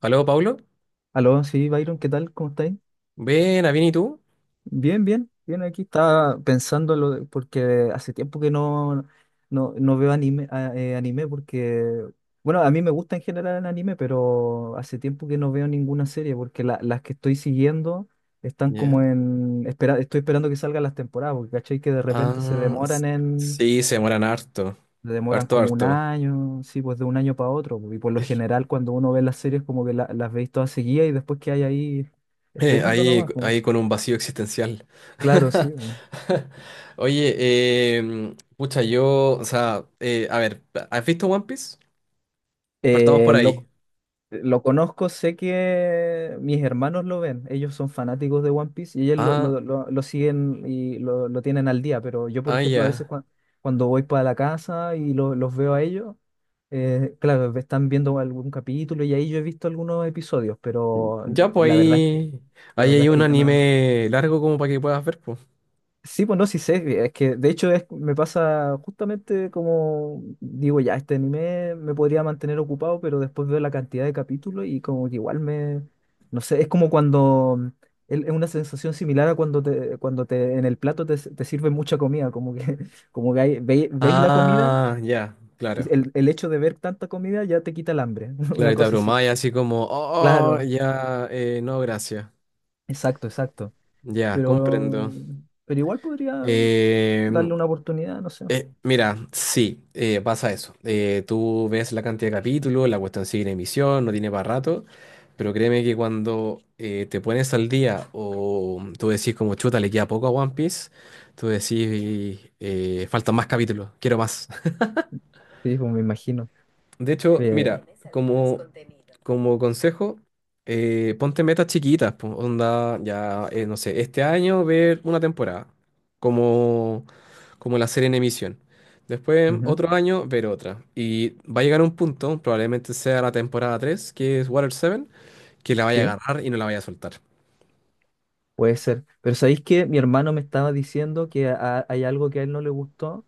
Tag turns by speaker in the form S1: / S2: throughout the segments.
S1: Aló, Paulo.
S2: Aló, sí, Byron, ¿qué tal? ¿Cómo estáis?
S1: Buena, bien, ¿y tú?
S2: Bien, bien, bien, aquí estaba pensando en porque hace tiempo que no veo anime porque, bueno, a mí me gusta en general el anime, pero hace tiempo que no veo ninguna serie porque las que estoy siguiendo están como
S1: Ya.
S2: espera, estoy esperando que salgan las temporadas, porque cachai que de repente se
S1: Ah,
S2: demoran en,
S1: sí, se demoran harto.
S2: se demoran
S1: Harto,
S2: como un
S1: harto.
S2: año, sí, pues de un año para otro, y por lo general cuando uno ve las series como que las veis todas seguidas y después que hay ahí esperando
S1: Ahí,
S2: nomás, pues.
S1: ahí con un vacío existencial.
S2: Claro, sí. Bu.
S1: Oye, pucha, yo, o sea, a ver, ¿has visto One Piece? Partamos
S2: Eh,
S1: por
S2: lo,
S1: ahí.
S2: lo conozco, sé que mis hermanos lo ven, ellos son fanáticos de One Piece y ellos lo,
S1: Ah,
S2: lo- lo- lo siguen y lo tienen al día, pero yo, por
S1: ah,
S2: ejemplo, a veces
S1: ya.
S2: cuando voy para la casa y los veo a ellos, claro, están viendo algún capítulo y ahí yo he visto algunos episodios, pero no-
S1: Ya, pues
S2: la verdad es que,
S1: ahí,
S2: la
S1: ahí
S2: verdad
S1: hay
S2: es
S1: un
S2: que yo no.
S1: anime largo como para que puedas ver, pues.
S2: Sí, pues no, sí sé, es que de hecho es, me pasa justamente como digo, ya este anime me podría mantener ocupado, pero después veo la cantidad de capítulos y como que igual me, no sé, es como es una sensación similar a cuando te, en el plato te sirve mucha comida, como que, como que veis la comida
S1: Ah, ya,
S2: y
S1: claro.
S2: el hecho de ver tanta comida ya te quita el hambre,
S1: Claro,
S2: una
S1: y te
S2: cosa así.
S1: abrumáis así como, oh,
S2: Claro,
S1: ya, no, gracias.
S2: exacto, exacto,
S1: Ya,
S2: pero,
S1: comprendo.
S2: pero igual podría
S1: Em,
S2: darle una oportunidad, no sé.
S1: Mira, sí, pasa eso. Tú ves la cantidad de capítulos, la cuestión sigue en emisión, no tiene para rato, pero créeme que cuando te pones al día o tú decís como chuta, le queda poco a One Piece, tú decís faltan más capítulos, quiero más.
S2: Sí, pues me imagino.
S1: De hecho,
S2: Eh,
S1: mira, como, como consejo, ponte metas chiquitas, po, onda, ya, no sé, este año ver una temporada. Como... como la serie en emisión. Después,
S2: Ujú,
S1: otro año, ver otra. Y va a llegar un punto, probablemente sea la temporada 3 que es Water 7, que la vaya a
S2: sí,
S1: agarrar y no la vaya a soltar.
S2: puede ser. Pero ¿sabéis que mi hermano me estaba diciendo que hay algo que a él no le gustó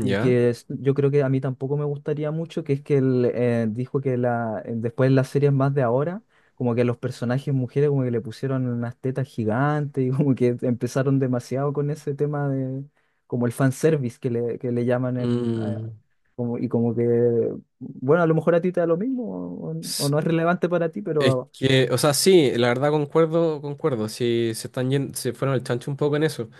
S2: y que yo creo que a mí tampoco me gustaría mucho, que es que él dijo que después en las series más de ahora, como que a los personajes mujeres como que le pusieron unas tetas gigantes y como que empezaron demasiado con ese tema de como el fanservice que le llaman en...
S1: Mm.
S2: como, y como que, bueno, a lo mejor a ti te da lo mismo o no es relevante para ti,
S1: Es
S2: pero.
S1: que, o sea, sí, la verdad concuerdo, concuerdo, sí, se fueron al chancho un poco en eso,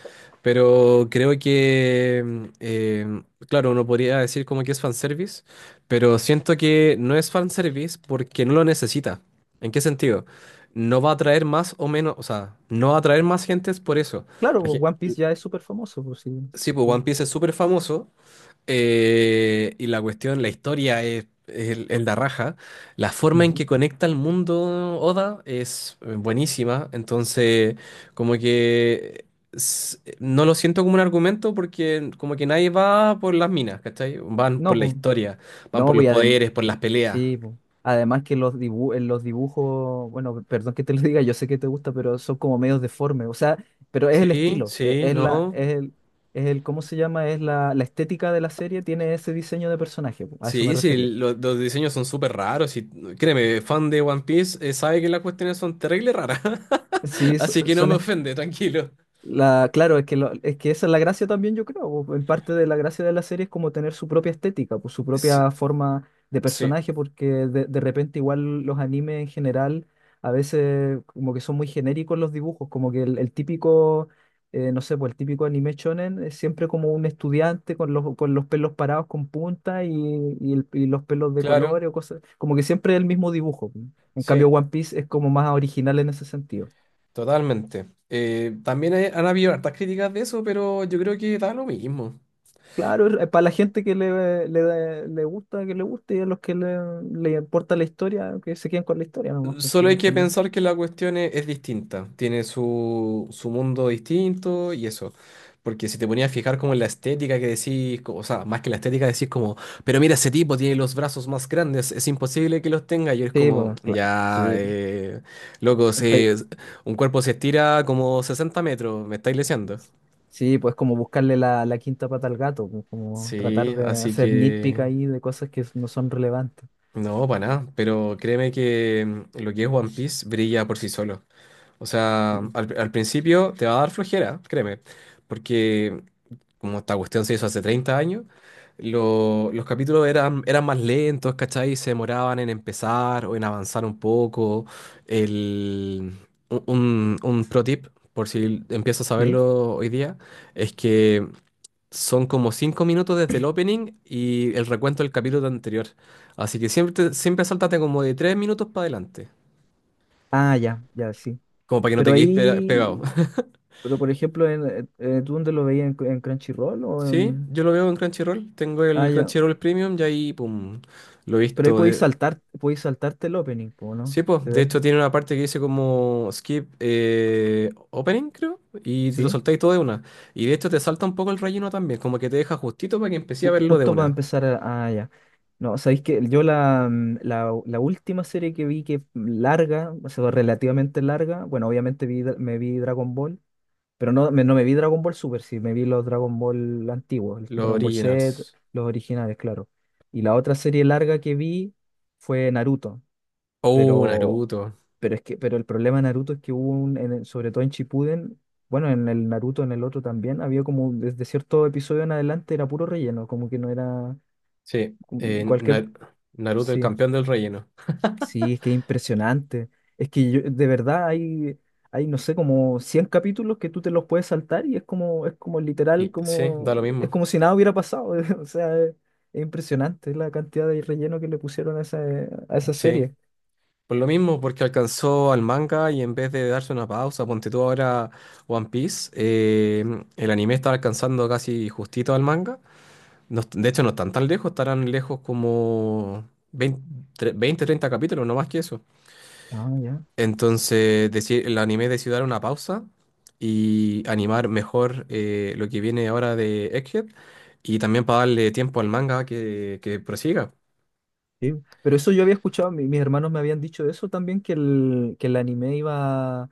S1: pero creo que, claro, uno podría decir como que es fanservice, pero siento que no es fanservice porque no lo necesita. ¿En qué sentido? No va a atraer más o menos, o sea, no va a atraer más gentes por eso.
S2: Claro,
S1: La
S2: pues,
S1: gen-
S2: One Piece ya es súper famoso, pues sí.
S1: Sí, pues One
S2: Sí.
S1: Piece es súper famoso, y la cuestión, la historia es el de raja. La forma en
S2: Ujú.
S1: que conecta el mundo Oda es buenísima. Entonces, como que no lo siento como un argumento porque como que nadie va por las minas, ¿cachai? Van
S2: No,
S1: por la
S2: pues.
S1: historia, van
S2: No,
S1: por los
S2: pues y
S1: poderes, por las peleas.
S2: sí, pues. Además que en los dibujos, bueno, perdón que te lo diga, yo sé que te gusta, pero son como medios deformes. O sea, pero es el
S1: Sí,
S2: estilo, e-
S1: sí,
S2: es, la,
S1: no.
S2: es el, ¿cómo se llama? Es la estética de la serie, tiene ese diseño de personaje, pues, a eso me
S1: Sí, sí,
S2: refería.
S1: los diseños son súper raros y créeme, fan de One Piece sabe que las cuestiones son terrible raras,
S2: Sí,
S1: así que no me
S2: son
S1: ofende, tranquilo.
S2: Claro, es que, es que esa es la gracia también, yo creo, po. En parte de la gracia de la serie es como tener su propia estética, pues, su
S1: Sí,
S2: propia forma de
S1: Sí,
S2: personaje, porque de repente igual los animes en general a veces como que son muy genéricos los dibujos, como que el típico, no sé, pues el típico anime shonen es siempre como un estudiante con los pelos parados con punta y los pelos de
S1: claro,
S2: colores o cosas, como que siempre el mismo dibujo. En cambio,
S1: sí,
S2: One Piece es como más original en ese sentido.
S1: totalmente. También han habido hartas críticas de eso, pero yo creo que da lo mismo.
S2: Claro, para la gente que le gusta, que le guste, y a los que le importa la historia, que se queden con la historia nomás, pues sí,
S1: Solo hay
S2: al
S1: que
S2: final.
S1: pensar que la cuestión es distinta, tiene su mundo distinto y eso. Porque si te ponías a fijar como en la estética que decís, o sea, más que la estética decís como, pero mira, ese tipo tiene los brazos más grandes, es imposible que los tenga. Y es
S2: Sí,
S1: como,
S2: pues claro,
S1: ya,
S2: sí,
S1: loco, si
S2: está-
S1: es- un cuerpo se estira como 60 metros, me estáis leseando.
S2: sí, pues como buscarle la quinta pata al gato, pues, como tratar
S1: Sí,
S2: de
S1: así
S2: hacer nitpick
S1: que...
S2: ahí de cosas que no son relevantes.
S1: No, para nada, pero créeme que lo que es One Piece brilla por sí solo. O sea,
S2: Sí.
S1: al principio te va a dar flojera, créeme, porque como esta cuestión se hizo hace 30 años, los capítulos eran más lentos, ¿cachai? Se demoraban en empezar o en avanzar un poco. El, un pro tip, por si empiezas a
S2: ¿Sí?
S1: verlo hoy día, es que son como 5 minutos desde el opening y el recuento del capítulo anterior. Así que siempre, siempre sáltate como de 3 minutos para adelante.
S2: Ah, ya, ya, sí.
S1: Como para que no
S2: Pero
S1: te quedes pegado.
S2: ahí, pero por ejemplo, ¿tú dónde lo veías en, Crunchyroll o
S1: Sí,
S2: en...
S1: yo lo veo en Crunchyroll. Tengo
S2: Ah,
S1: el
S2: ya,
S1: Crunchyroll Premium y ahí, pum, lo he
S2: pero ahí
S1: visto.
S2: podéis
S1: de-
S2: saltar, podéis saltarte el opening, pues,
S1: Sí,
S2: ¿no?
S1: pues,
S2: ¿Te
S1: de
S2: ves?
S1: hecho tiene una parte que dice como skip opening, creo, y te lo
S2: ¿Sí?
S1: saltáis todo de una. Y de hecho te salta un poco el relleno también, como que te deja justito para que empecé a
S2: Ju-
S1: verlo de
S2: Justo para
S1: una.
S2: empezar ah, ya. No, sabéis que yo la última serie que vi que larga, o sea, relativamente larga, bueno, obviamente me vi Dragon Ball, pero no me vi Dragon Ball Super, sí, me vi los Dragon Ball antiguos, el
S1: Los
S2: Dragon Ball Z,
S1: originals.
S2: los originales, claro. Y la otra serie larga que vi fue Naruto,
S1: Oh,
S2: pero,
S1: Naruto.
S2: pero el problema de Naruto es que hubo sobre todo en Shippuden, bueno, en el Naruto, en el otro también, había como desde cierto episodio en adelante era puro relleno, como que no era
S1: Sí,
S2: cu- Cualquier,
S1: Naruto el
S2: sí,
S1: campeón del relleno.
S2: sí, es que es impresionante. Es que de verdad hay, no sé, como 100 capítulos que tú te los puedes saltar y es como literal,
S1: Y sí, da lo
S2: es
S1: mismo.
S2: como si nada hubiera pasado. O sea, es impresionante la cantidad de relleno que le pusieron a esa
S1: Sí,
S2: serie.
S1: por lo mismo, porque alcanzó al manga y en vez de darse una pausa, ponte tú ahora One Piece, el anime está alcanzando casi justito al manga. De hecho, no están tan lejos, estarán lejos como 20, 30 capítulos, no más que eso.
S2: Ah, ya.
S1: Entonces, decir, el anime decidió dar una pausa y animar mejor lo que viene ahora de Egghead y también para darle tiempo al manga que prosiga.
S2: Sí. Pero eso yo había escuchado, mis hermanos me habían dicho eso también, que que el anime iba,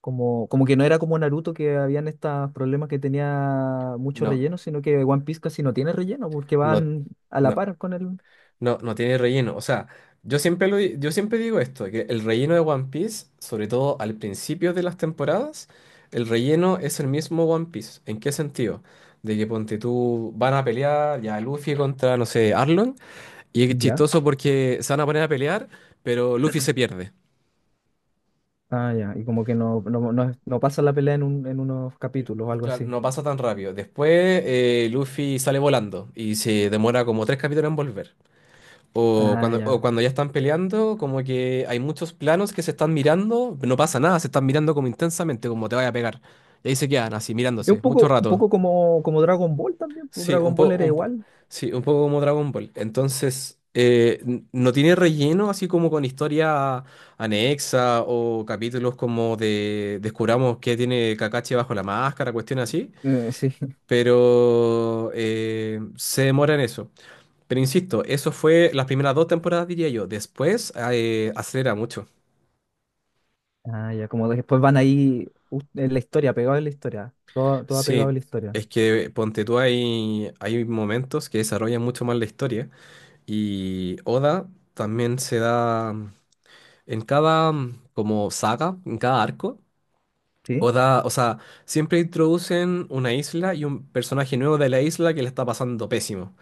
S2: Como que no era como Naruto que habían estos problemas que tenía mucho
S1: No,
S2: relleno, sino que One Piece casi no tiene relleno porque
S1: no,
S2: van a la
S1: no,
S2: par con él.
S1: no, no tiene relleno. O sea, yo siempre, yo siempre digo esto, que el relleno de One Piece, sobre todo al principio de las temporadas, el relleno es el mismo One Piece. ¿En qué sentido? De que ponte tú, van a pelear ya Luffy contra, no sé, Arlong. Y es
S2: Ya.
S1: chistoso porque se van a poner a pelear, pero Luffy se pierde.
S2: Ah, ya. Y como que no pasa la pelea en unos capítulos o algo
S1: Claro,
S2: así.
S1: no pasa tan rápido. Después, Luffy sale volando y se demora como 3 capítulos en volver. O
S2: Ah,
S1: cuando, o
S2: ya.
S1: cuando ya están peleando, como que hay muchos planos que se están mirando, no pasa nada, se están mirando como intensamente, como te vaya a pegar. Y ahí se quedan así,
S2: Es
S1: mirándose, mucho
S2: un
S1: rato.
S2: poco como Dragon Ball también, pues,
S1: Sí, un
S2: Dragon Ball
S1: poco,
S2: era igual.
S1: sí, un poco como Dragon Ball. Entonces, no tiene relleno así como con historia anexa o capítulos como de descubramos qué tiene Kakashi bajo la máscara, cuestiones así.
S2: Sí.
S1: Pero se demora en eso. Pero insisto, eso fue las primeras 2 temporadas, diría yo. Después, acelera mucho.
S2: Ah, ya. Como después van ahí en la historia, pegado en la historia. Todo, todo pegado en
S1: Sí,
S2: la historia.
S1: es que ponte tú, hay momentos que desarrollan mucho más la historia. Y Oda también se da. En cada, como saga, en cada arco,
S2: ¿Sí?
S1: Oda, o sea, siempre introducen una isla y un personaje nuevo de la isla que le está pasando pésimo.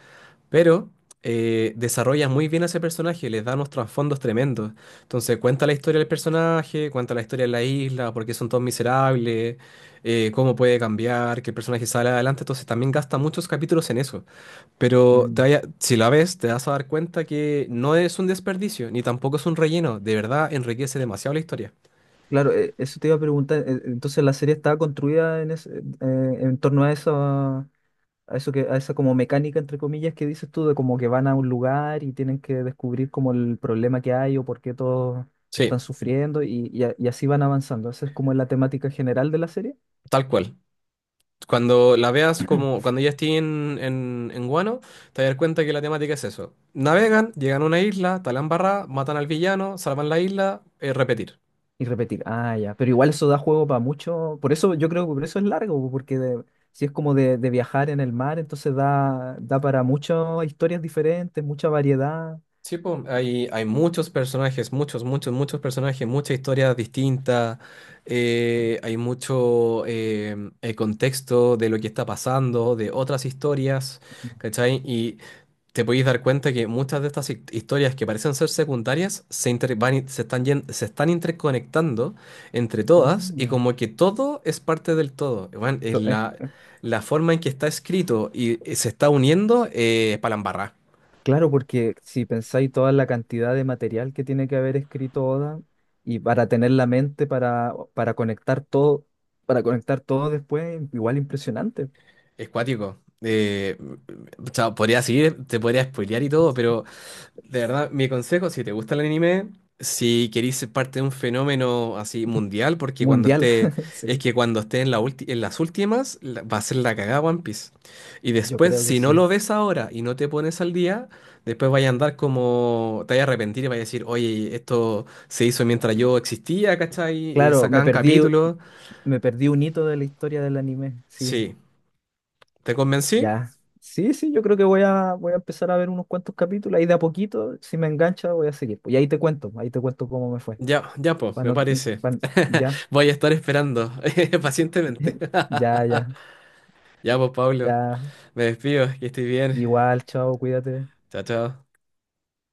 S1: Pero desarrolla muy bien a ese personaje, les da unos trasfondos tremendos. Entonces cuenta la historia del personaje, cuenta la historia de la isla, por qué son todos miserables, cómo puede cambiar, que el personaje sale adelante. Entonces también gasta muchos capítulos en eso.
S2: Mm.
S1: Si la ves, te vas a dar cuenta que no es un desperdicio, ni tampoco es un relleno. De verdad, enriquece demasiado la historia.
S2: Claro, eso te iba a preguntar. Entonces la serie estaba construida en torno a esa como mecánica entre comillas que dices tú, de como que van a un lugar y tienen que descubrir como el problema que hay o por qué todos
S1: Sí,
S2: están sufriendo y así van avanzando. Esa es como la temática general de la serie.
S1: tal cual. Cuando la veas como cuando ya esté en Guano, te vas a dar cuenta que la temática es eso. Navegan, llegan a una isla, talan barra, matan al villano, salvan la isla, repetir.
S2: Y repetir, ah, ya, pero igual eso da juego para mucho, por eso yo creo que por eso es largo, porque si es como de viajar en el mar, entonces da para muchas historias diferentes, mucha variedad.
S1: Sí, po, hay muchos personajes, muchos, muchos, muchos personajes, muchas historias distintas, hay mucho contexto de lo que está pasando, de otras historias, ¿cachai? Y te podéis dar cuenta que muchas de estas historias que parecen ser secundarias se, inter- van in- se están, yen- se están interconectando entre todas y
S2: Mm.
S1: como que todo es parte del todo. Bueno, es
S2: Es
S1: la forma en que está escrito y se está uniendo, palambarra.
S2: claro, porque si pensáis toda la cantidad de material que tiene que haber escrito Oda y para tener la mente para conectar todo, para conectar todo después, igual impresionante,
S1: Es cuático. Chao, podría seguir, te podría spoilear y todo, pero de
S2: pues.
S1: verdad, mi consejo, si te gusta el anime, si queréis ser parte de un fenómeno así mundial, porque cuando
S2: Mundial,
S1: esté, es
S2: sí,
S1: que cuando esté en las últimas, va a ser la cagada One Piece. Y
S2: yo
S1: después,
S2: creo que
S1: si no
S2: sí.
S1: lo ves ahora y no te pones al día, después vaya a andar como, te vaya a arrepentir y vaya a decir, oye, esto se hizo mientras yo existía, ¿cachai?
S2: Claro, me
S1: Sacaban
S2: perdí,
S1: capítulos.
S2: me perdí un hito de la historia del anime, sí,
S1: Sí, ¿te convencí?
S2: ya. Sí, sí, yo creo que voy a empezar a ver unos cuantos capítulos, ahí de a poquito, si me engancha voy a seguir, pues. Y ahí te cuento, cómo me fue.
S1: Ya, ya, pues,
S2: Pa'
S1: me
S2: no-
S1: parece.
S2: pa' Ya,
S1: Voy a estar esperando pacientemente.
S2: ya, ya,
S1: Ya, pues, Pablo,
S2: ya.
S1: me despido, que estoy bien.
S2: Igual, chao, cuídate.
S1: Chao, chao.